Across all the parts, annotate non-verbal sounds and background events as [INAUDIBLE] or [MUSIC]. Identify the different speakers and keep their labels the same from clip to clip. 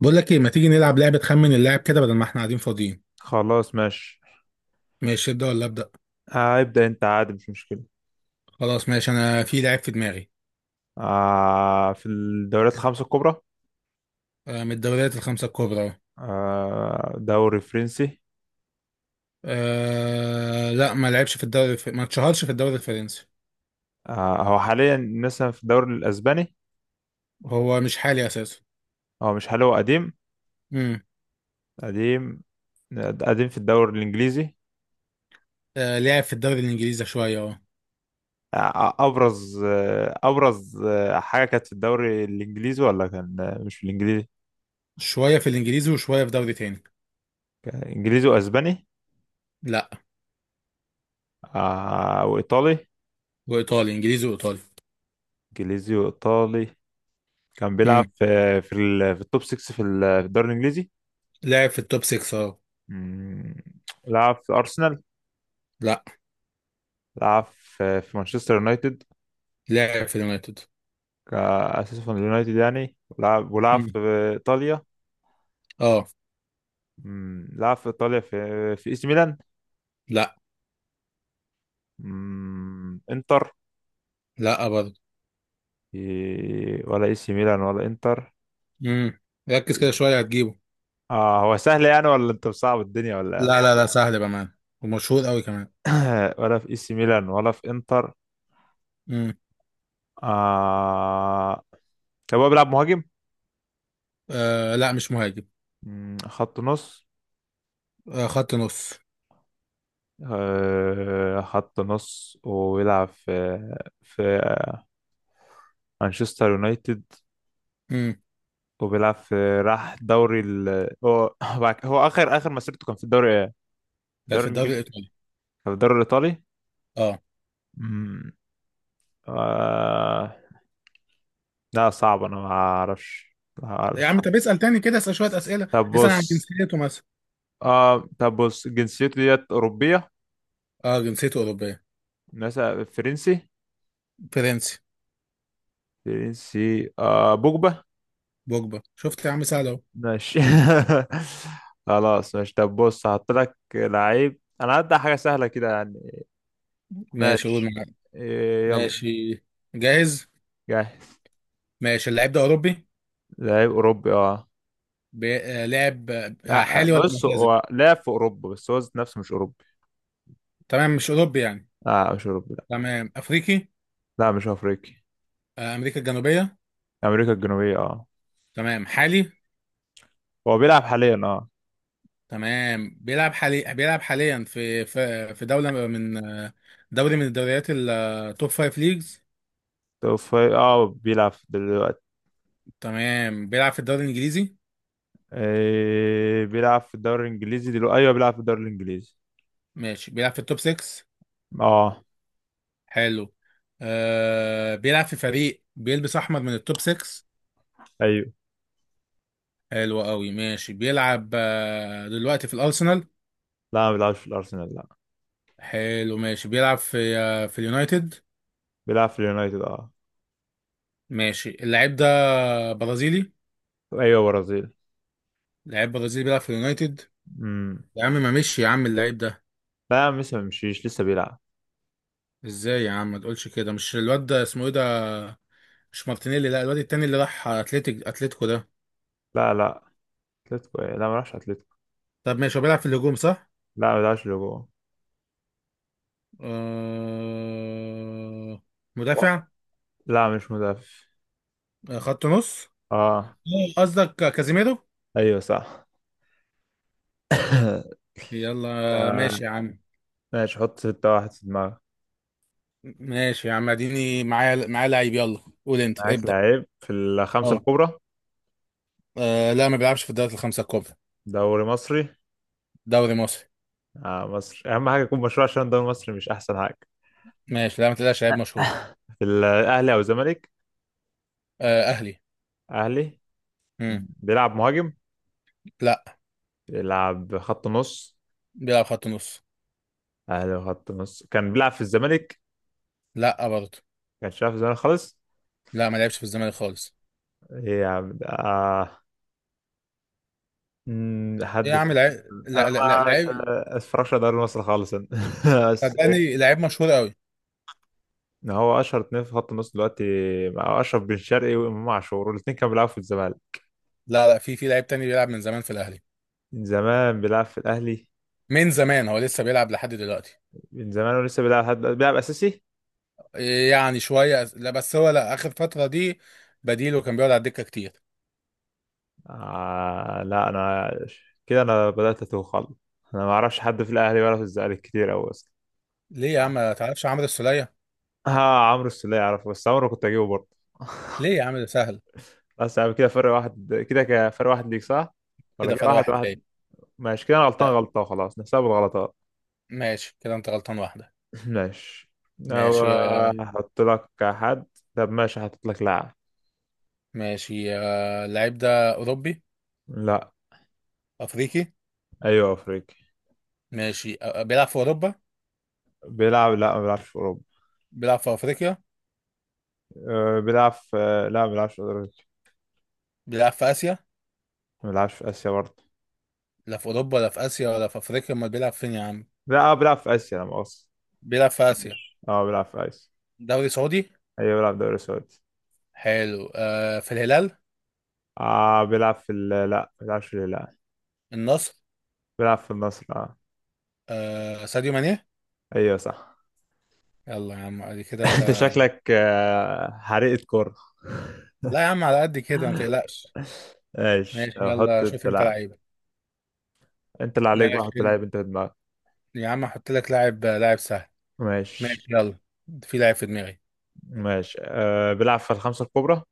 Speaker 1: بقول لك ايه، ما تيجي نلعب لعبة خمن اللاعب كده بدل ما احنا قاعدين فاضيين.
Speaker 2: خلاص ماشي.
Speaker 1: ماشي، ابدأ ولا ابدأ؟
Speaker 2: ابدأ انت، عادي مش مشكلة.
Speaker 1: خلاص ماشي، انا في لاعب في دماغي.
Speaker 2: آه، في الدوريات الخمسة الكبرى.
Speaker 1: آه، من الدوريات الخمسة الكبرى اهو.
Speaker 2: آه، دوري فرنسي.
Speaker 1: آه لا، ما لعبش في الدوري الف... ما اتشهرش في الدوري الفرنسي.
Speaker 2: آه، هو حاليا مثلا في الدوري الأسباني؟
Speaker 1: هو مش حالي اساسا.
Speaker 2: هو مش حاليا، هو قديم.
Speaker 1: امم
Speaker 2: قديم. قديم في الدوري الإنجليزي.
Speaker 1: آه لعب في الدوري الانجليزي شوية اه.
Speaker 2: أبرز حاجة كانت في الدوري الإنجليزي، ولا كان مش في الإنجليزي؟
Speaker 1: شوية في الانجليزي وشوية في دوري تاني.
Speaker 2: كان إنجليزي وأسباني.
Speaker 1: لا.
Speaker 2: آه، وإيطالي.
Speaker 1: وايطالي، انجليزي وايطالي.
Speaker 2: إنجليزي وإيطالي. كان بيلعب
Speaker 1: امم
Speaker 2: في التوب 6، في الدوري الإنجليزي.
Speaker 1: لعب في التوب 6 اه.
Speaker 2: مم. لعب في أرسنال.
Speaker 1: لا.
Speaker 2: لعب في مانشستر يونايتد،
Speaker 1: لعب في اليونايتد.
Speaker 2: كأساس في اليونايتد يعني. ولعب في
Speaker 1: امم
Speaker 2: إيطاليا.
Speaker 1: اه.
Speaker 2: مم. لعب في إيطاليا في إي سي ميلان.
Speaker 1: لا.
Speaker 2: مم. إنتر.
Speaker 1: لا برضه.
Speaker 2: إيه، ولا إي سي ميلان ولا إنتر.
Speaker 1: امم ركز كده شوية هتجيبه.
Speaker 2: اه هو سهل يعني، ولا أنت مصعب الدنيا ولا؟
Speaker 1: لا لا لا، سهل بأمان. ومشهور قوي كمان.
Speaker 2: إيه؟ [COUGHS] ولا في إي سي ميلان ولا في إنتر؟
Speaker 1: امم
Speaker 2: آه. طب هو بيلعب مهاجم؟
Speaker 1: آه لا، مش مهاجم.
Speaker 2: مم. خط نص.
Speaker 1: آه، خط نص.
Speaker 2: خط نص، ويلعب في، في، مانشستر يونايتد.
Speaker 1: امم
Speaker 2: وبيلعب في راح دوري ال [LAUGHS] هو اخر مسيرته كان في الدوري.
Speaker 1: كانت في
Speaker 2: الدوري
Speaker 1: الدوري
Speaker 2: الانجليزي.
Speaker 1: الإيطالي.
Speaker 2: في الدوري الايطالي.
Speaker 1: اه.
Speaker 2: أمم. آه. لا صعب، انا ما اعرفش. ما
Speaker 1: يا عم
Speaker 2: اعرفش.
Speaker 1: طب اسأل تاني كده، اسأل شوية أسئلة.
Speaker 2: طب
Speaker 1: اسأل عن
Speaker 2: بص.
Speaker 1: جنسيته مثلا.
Speaker 2: آه، طب بص، جنسيته ديت اوروبيه.
Speaker 1: اه جنسيته أوروبية.
Speaker 2: ناس. فرنسي.
Speaker 1: فرنسي.
Speaker 2: فرنسي. آه، بوجبا.
Speaker 1: بوجبا. شفت يا عم سهل أهو؟
Speaker 2: ماشي. [LAUGHS] خلاص ماشي، طب بص هحط لك لعيب، انا هبدأ حاجه سهله كده يعني.
Speaker 1: ماشي قول
Speaker 2: ماشي.
Speaker 1: معايا.
Speaker 2: إيه، يلا.
Speaker 1: ماشي. جاهز.
Speaker 2: جاهز.
Speaker 1: ماشي، اللاعب ده أوروبي.
Speaker 2: لعيب أوروبي، اه.
Speaker 1: بي... آه لاعب،
Speaker 2: لا
Speaker 1: حالي ولا
Speaker 2: بص
Speaker 1: معتزل؟
Speaker 2: هو لعب في أوروبا، بس هو ذات نفسه مش أوروبي.
Speaker 1: تمام، مش أوروبي يعني.
Speaker 2: لا مش أوروبي، لا.
Speaker 1: تمام، أفريقي.
Speaker 2: لا مش أفريقي.
Speaker 1: آه، أمريكا الجنوبية.
Speaker 2: أمريكا الجنوبية، اه.
Speaker 1: تمام، حالي.
Speaker 2: هو بيلعب حاليا، اه.
Speaker 1: تمام بيلعب حالي، بيلعب حاليا في في دولة من دوري، من الدوريات التوب فايف ليجز.
Speaker 2: طب اه بيلعب دلوقتي.
Speaker 1: تمام بيلعب في الدوري الإنجليزي.
Speaker 2: إيه بيلعب في الدوري الإنجليزي دلوقتي، أيوه بيلعب في الدوري الإنجليزي.
Speaker 1: ماشي بيلعب في التوب 6.
Speaker 2: اه.
Speaker 1: حلو. آه، بيلعب في فريق بيلبس أحمر من التوب 6.
Speaker 2: أيوه.
Speaker 1: حلو قوي. ماشي بيلعب دلوقتي في الأرسنال.
Speaker 2: لا ما بيلعبش في الأرسنال، لا.
Speaker 1: حلو. ماشي بيلعب في اليونايتد.
Speaker 2: بيلعب في اليونايتد، اه.
Speaker 1: ماشي اللاعب ده برازيلي.
Speaker 2: أيوه، برازيل.
Speaker 1: لاعب برازيلي بيلعب في اليونايتد.
Speaker 2: امم.
Speaker 1: يا عم ما مشي يا عم اللاعب ده؟
Speaker 2: لا لسه ما مشيش، لسه بيلعب.
Speaker 1: ازاي يا عم ما تقولش كده؟ مش الواد ده اسمه ايه ده؟ مش مارتينيلي؟ لا الواد التاني اللي راح اتلتيك، اتلتيكو ده.
Speaker 2: لا لا. أتلتيكو إيه؟ لا، ما راحش أتلتيكو.
Speaker 1: طب ماشي، هو بيلعب في الهجوم صح؟
Speaker 2: لا ما بيلعبش لجوه.
Speaker 1: آه... مدافع.
Speaker 2: لا مش مدافع.
Speaker 1: آه، خط نص.
Speaker 2: اه.
Speaker 1: آه، قصدك كازيميرو.
Speaker 2: ايوه صح.
Speaker 1: يلا. آه،
Speaker 2: آه،
Speaker 1: ماشي يا عم.
Speaker 2: ماشي، حط ستة واحد في دماغك.
Speaker 1: ماشي يا عم، اديني معايا، لعيب. يلا قول انت،
Speaker 2: معاك
Speaker 1: ابدأ.
Speaker 2: لعيب في الخمسة
Speaker 1: اه.
Speaker 2: الكبرى.
Speaker 1: آه، لا ما بيلعبش في الدوري الخمسة الكبرى.
Speaker 2: دوري مصري.
Speaker 1: دوري مصري.
Speaker 2: آه مصر، أهم حاجة يكون مشروع عشان الدوري المصري مش أحسن حاجة.
Speaker 1: ماشي، لا ما تقلقش لعيب مشهور.
Speaker 2: في الأهلي أو الزمالك.
Speaker 1: آه، اهلي.
Speaker 2: أهلي.
Speaker 1: مم.
Speaker 2: بيلعب مهاجم.
Speaker 1: لا.
Speaker 2: بيلعب خط نص.
Speaker 1: بيلعب خط نص.
Speaker 2: أهلي وخط نص، كان بيلعب في الزمالك.
Speaker 1: لا برضه.
Speaker 2: كانش بيلعب في الزمالك خالص؟
Speaker 1: لا ما لعبش في الزمالك خالص.
Speaker 2: إيه يا عم ده؟ آه. مم،
Speaker 1: ايه
Speaker 2: حد.
Speaker 1: يا عم؟ لعيب،
Speaker 2: أنا
Speaker 1: لا لا لا
Speaker 2: ما
Speaker 1: لعيب.
Speaker 2: أتفرجش على دوري مصر خالص أنا. [LAUGHS] بس
Speaker 1: صدقني لعيب مشهور قوي.
Speaker 2: إن هو اشهر اتنين في خط النص دلوقتي، مع اشرف بن شرقي وامام عاشور، والاتنين كانوا بيلعبوا في الزمالك.
Speaker 1: لا لا، في لعيب تاني بيلعب من زمان في الاهلي.
Speaker 2: من زمان بيلعب في الاهلي.
Speaker 1: من زمان، هو لسه بيلعب لحد دلوقتي.
Speaker 2: من زمان ولسه بيلعب لحد دلوقتي. بيلعب اساسي.
Speaker 1: إيه يعني شويه، لا بس هو لا، اخر فتره دي بديله، كان بيقعد على الدكه كتير.
Speaker 2: آه لا انا، كده انا بدات اتوه خالص. انا ما اعرفش حد في الاهلي ولا في الزمالك كتير قوي اصلا.
Speaker 1: ليه يا عم؟ ما تعرفش عمرو السوليه؟
Speaker 2: ها. عمرو السولية اعرفه، بس عمرو كنت اجيبه برضه.
Speaker 1: ليه
Speaker 2: [LAUGHS]
Speaker 1: يا عم ده سهل.
Speaker 2: بس يعني كده فرق واحد كده فرق واحد ليك صح، ولا
Speaker 1: كده
Speaker 2: كده
Speaker 1: فرق
Speaker 2: واحد
Speaker 1: واحد ليه؟
Speaker 2: واحد؟ ماشي كده انا غلطان
Speaker 1: لا.
Speaker 2: غلطة، وخلاص نحسب الغلطات.
Speaker 1: ماشي كده، انت غلطان واحده.
Speaker 2: ماشي. أو
Speaker 1: ماشي.
Speaker 2: هحط لك حد. طب ماشي هحط لك لاعب.
Speaker 1: ماشي آه، اللعيب ده اوروبي؟
Speaker 2: لا.
Speaker 1: افريقي.
Speaker 2: أيوه أفريقي.
Speaker 1: ماشي آه، بيلعب في اوروبا؟
Speaker 2: لا ما بيلعبش في أوروبا.
Speaker 1: بيلعب في افريقيا.
Speaker 2: أه، بيلعب في أه، لا ما بيلعبش في أوروبا.
Speaker 1: بيلعب في اسيا.
Speaker 2: ما بيلعبش في آسيا برضه.
Speaker 1: لا في اوروبا ولا في اسيا ولا في افريقيا، امال بيلعب فين يا عم؟
Speaker 2: لا آه، بيلعب في آسيا، لا مؤاخذة.
Speaker 1: بيلعب في آسيا.
Speaker 2: معلش. أه بيلعب في آسيا.
Speaker 1: دوري سعودي.
Speaker 2: أيوه بيلعب دوري سعودي.
Speaker 1: حلو، آه في الهلال.
Speaker 2: لا. ما بيلعبش في، لا.
Speaker 1: النصر.
Speaker 2: بيلعب في النصر، أه.
Speaker 1: آه، ساديو ماني.
Speaker 2: أيوه صح.
Speaker 1: يلا يا عم، ادي كده
Speaker 2: [LAUGHS]
Speaker 1: انت.
Speaker 2: أنت شكلك حريقة كورة.
Speaker 1: لا يا عم على قد كده ما تقلقش.
Speaker 2: [LAUGHS] ماشي
Speaker 1: ماشي
Speaker 2: طب حط
Speaker 1: يلا، شوف
Speaker 2: أنت
Speaker 1: انت
Speaker 2: لاعب.
Speaker 1: لعيبة.
Speaker 2: أنت اللي عليك بقى،
Speaker 1: ماشي
Speaker 2: حط لاعب أنت في دماغك.
Speaker 1: يا عم احط لك لاعب، لاعب سهل.
Speaker 2: ماشي.
Speaker 1: ماشي. يلا، في لاعب في دماغي.
Speaker 2: ماشي أه بيلعب في الخمسة الكبرى.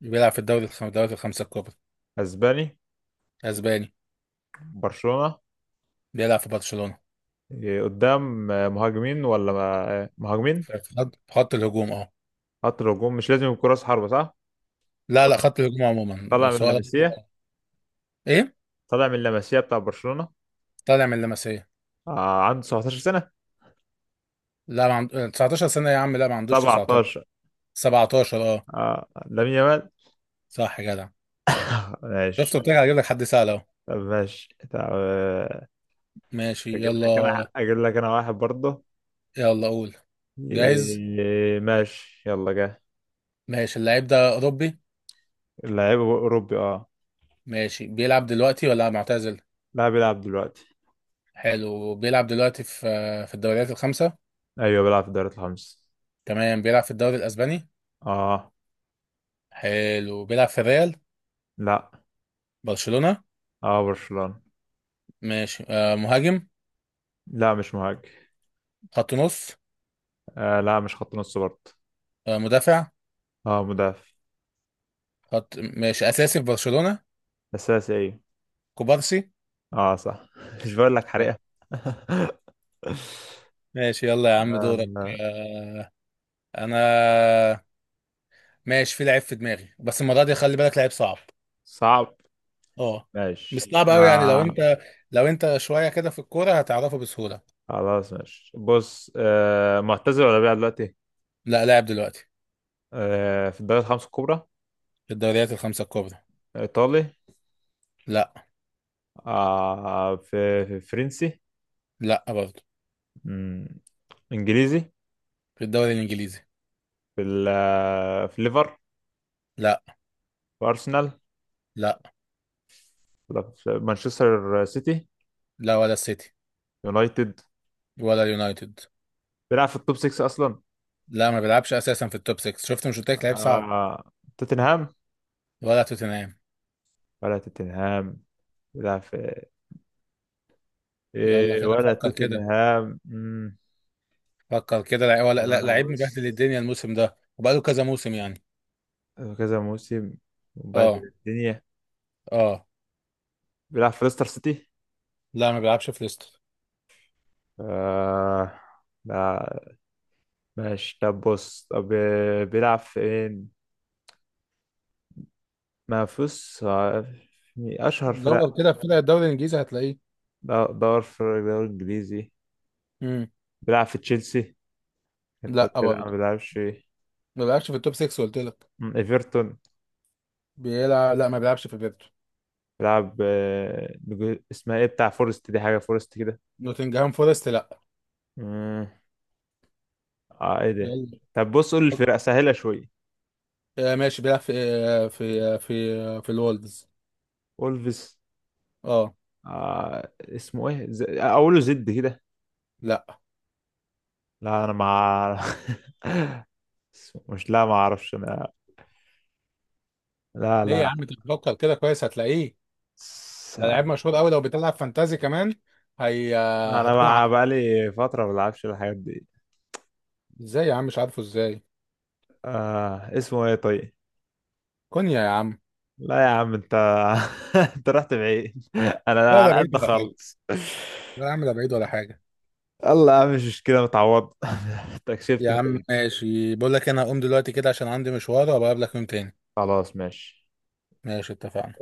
Speaker 1: بيلعب في الدوري الخم... الدوريات الخمسة الكبرى.
Speaker 2: اسباني.
Speaker 1: اسباني.
Speaker 2: برشلونة.
Speaker 1: بيلعب في برشلونة.
Speaker 2: إيه، قدام آه، مهاجمين ولا ما- آه، مهاجمين.
Speaker 1: في خط الهجوم اه.
Speaker 2: خط الهجوم مش لازم يكون راس حربة صح؟
Speaker 1: لا لا، خط الهجوم عموما،
Speaker 2: طالع من
Speaker 1: سواء.
Speaker 2: لاماسيا.
Speaker 1: ايه؟
Speaker 2: طالع من لاماسيا بتاع برشلونة.
Speaker 1: طالع من اللمسية.
Speaker 2: آه عنده 17 سنة.
Speaker 1: لا ما عند... 19 سنة يا عم، لا ما عندوش 19.
Speaker 2: 17.
Speaker 1: 17 اه.
Speaker 2: آه لامين يامال.
Speaker 1: صح يا جدع.
Speaker 2: [LAUGHS] ماشي.
Speaker 1: شفت قلت لك هجيب لك حد سهل اهو.
Speaker 2: طب ماشي، طب آه،
Speaker 1: ماشي.
Speaker 2: اجيب لك
Speaker 1: يلا.
Speaker 2: انا، اجيب لك انا واحد برضه.
Speaker 1: يلا قول. جاهز.
Speaker 2: إيه، ماشي يلا جه.
Speaker 1: ماشي، اللعيب ده اوروبي.
Speaker 2: اللاعب اوروبي، اه.
Speaker 1: ماشي، بيلعب دلوقتي ولا معتزل؟
Speaker 2: لا بيلعب دلوقتي.
Speaker 1: حلو، بيلعب دلوقتي في في الدوريات الخمسة.
Speaker 2: ايوه بيلعب في الدوري الخمس.
Speaker 1: تمام، بيلعب في الدوري الاسباني.
Speaker 2: اه.
Speaker 1: حلو، بيلعب في الريال.
Speaker 2: لا.
Speaker 1: برشلونة.
Speaker 2: اه برشلونة.
Speaker 1: ماشي، آه مهاجم.
Speaker 2: لا مش مهاجم.
Speaker 1: خط نص.
Speaker 2: آه لا مش خط نص برضه.
Speaker 1: آه، مدافع.
Speaker 2: اه مدافع.
Speaker 1: خط، ماشي اساسي في برشلونة.
Speaker 2: اساسي ايه.
Speaker 1: كوبارسي.
Speaker 2: اه صح. [LAUGHS] مش بقول لك
Speaker 1: آه.
Speaker 2: حريقة. [LAUGHS]
Speaker 1: ماشي يلا يا عم، دورك.
Speaker 2: آه،
Speaker 1: انا. ماشي، في لعيب في دماغي، بس المرة دي خلي بالك لعيب صعب.
Speaker 2: صعب.
Speaker 1: اه. مش
Speaker 2: ماشي
Speaker 1: صعب قوي يعني، لو
Speaker 2: آه.
Speaker 1: انت، لو انت شويه كده في الكوره هتعرفه بسهوله.
Speaker 2: خلاص ماشي بص، آه معتزل ولا بيلعب دلوقتي؟
Speaker 1: لا، لاعب دلوقتي.
Speaker 2: آه في الدوري الخمسة الكبرى.
Speaker 1: في الدوريات الخمسه الكبرى.
Speaker 2: ايطالي.
Speaker 1: لا.
Speaker 2: آه في فرنسي.
Speaker 1: لا برضه.
Speaker 2: مم، انجليزي.
Speaker 1: في الدوري الانجليزي.
Speaker 2: في ال- آه، في ليفر
Speaker 1: لا.
Speaker 2: في ارسنال،
Speaker 1: لا.
Speaker 2: ولا في مانشستر سيتي؟
Speaker 1: لا ولا السيتي.
Speaker 2: يونايتد.
Speaker 1: ولا اليونايتد.
Speaker 2: بيلعب في التوب 6 اصلا؟
Speaker 1: لا ما بيلعبش اساسا في التوب 6. شفت مش قلت لك لعيب صعب؟
Speaker 2: آه. توتنهام.
Speaker 1: ولا توتنهام.
Speaker 2: ولا توتنهام؟ بيلعب في.
Speaker 1: يلا
Speaker 2: إيه،
Speaker 1: كده
Speaker 2: ولا
Speaker 1: فكر كده.
Speaker 2: توتنهام. مم.
Speaker 1: فكر كده لعيب ولا
Speaker 2: طب
Speaker 1: لا،
Speaker 2: انا
Speaker 1: لعيب
Speaker 2: بص.
Speaker 1: مبهدل الدنيا الموسم ده وبقاله كذا موسم يعني.
Speaker 2: آه، كذا موسم. وبعد
Speaker 1: اه.
Speaker 2: الدنيا.
Speaker 1: اه.
Speaker 2: بيلعب في ليستر سيتي.
Speaker 1: لا ما بيلعبش في ليستر.
Speaker 2: آه. لا. ماشي طب بص، طب بيلعب فين؟ ما فيش اشهر فرق.
Speaker 1: دور كده في فرق الدوري الانجليزي هتلاقيه.
Speaker 2: دور في الدوري الانجليزي.
Speaker 1: امم
Speaker 2: بيلعب في تشيلسي.
Speaker 1: لا
Speaker 2: ما
Speaker 1: برضه.
Speaker 2: بيلعبش.
Speaker 1: ما بيلعبش في التوب 6 قلت لك.
Speaker 2: مم، ايفرتون.
Speaker 1: بيلعب، لا ما بيلعبش في بيرتو.
Speaker 2: بيلعب اسمها ايه بتاع فورست دي، حاجه فورست كده.
Speaker 1: نوتنجهام فورست لا.
Speaker 2: مم. اه ايه ده.
Speaker 1: يلا.
Speaker 2: طب بص قول الفرق سهلة شوية.
Speaker 1: آه، ماشي بيلعب في في الولدز.
Speaker 2: اولفيس.
Speaker 1: اه.
Speaker 2: اقوله زد كده.
Speaker 1: لا.
Speaker 2: لا انا مع. [LAUGHS] اسمه- مش لا ما اعرفش انا. لا
Speaker 1: ليه يا
Speaker 2: لا.
Speaker 1: عم انت بتفكر كده كويس هتلاقيه.
Speaker 2: س...
Speaker 1: ده لعيب مشهور قوي، لو بتلعب فانتازي كمان هي آه،
Speaker 2: انا
Speaker 1: هتكون
Speaker 2: مع
Speaker 1: عارفه.
Speaker 2: بقالي فترة ما بلعبش الحاجات دي.
Speaker 1: ازاي يا عم مش عارفه ازاي؟
Speaker 2: آه اسمه ايه طيب.
Speaker 1: كونيا يا عم.
Speaker 2: لا يا عم انت. [LAUGHS] انت رحت بعيد. انا
Speaker 1: لا ده
Speaker 2: على
Speaker 1: بعيد
Speaker 2: قد
Speaker 1: ولا حاجه.
Speaker 2: خالص. [LAUGHS]
Speaker 1: لا يا عم ده بعيد ولا حاجه.
Speaker 2: يلا يا عم مش مشكلة، متعوض. [LAUGHS] انت كسبت،
Speaker 1: يا
Speaker 2: انت
Speaker 1: عم
Speaker 2: جيت.
Speaker 1: ماشي، بقول لك إيه، انا هقوم دلوقتي كده عشان عندي مشوار، وابقى اقابلك يوم تاني.
Speaker 2: خلاص ماشي.
Speaker 1: ماشي اتفقنا.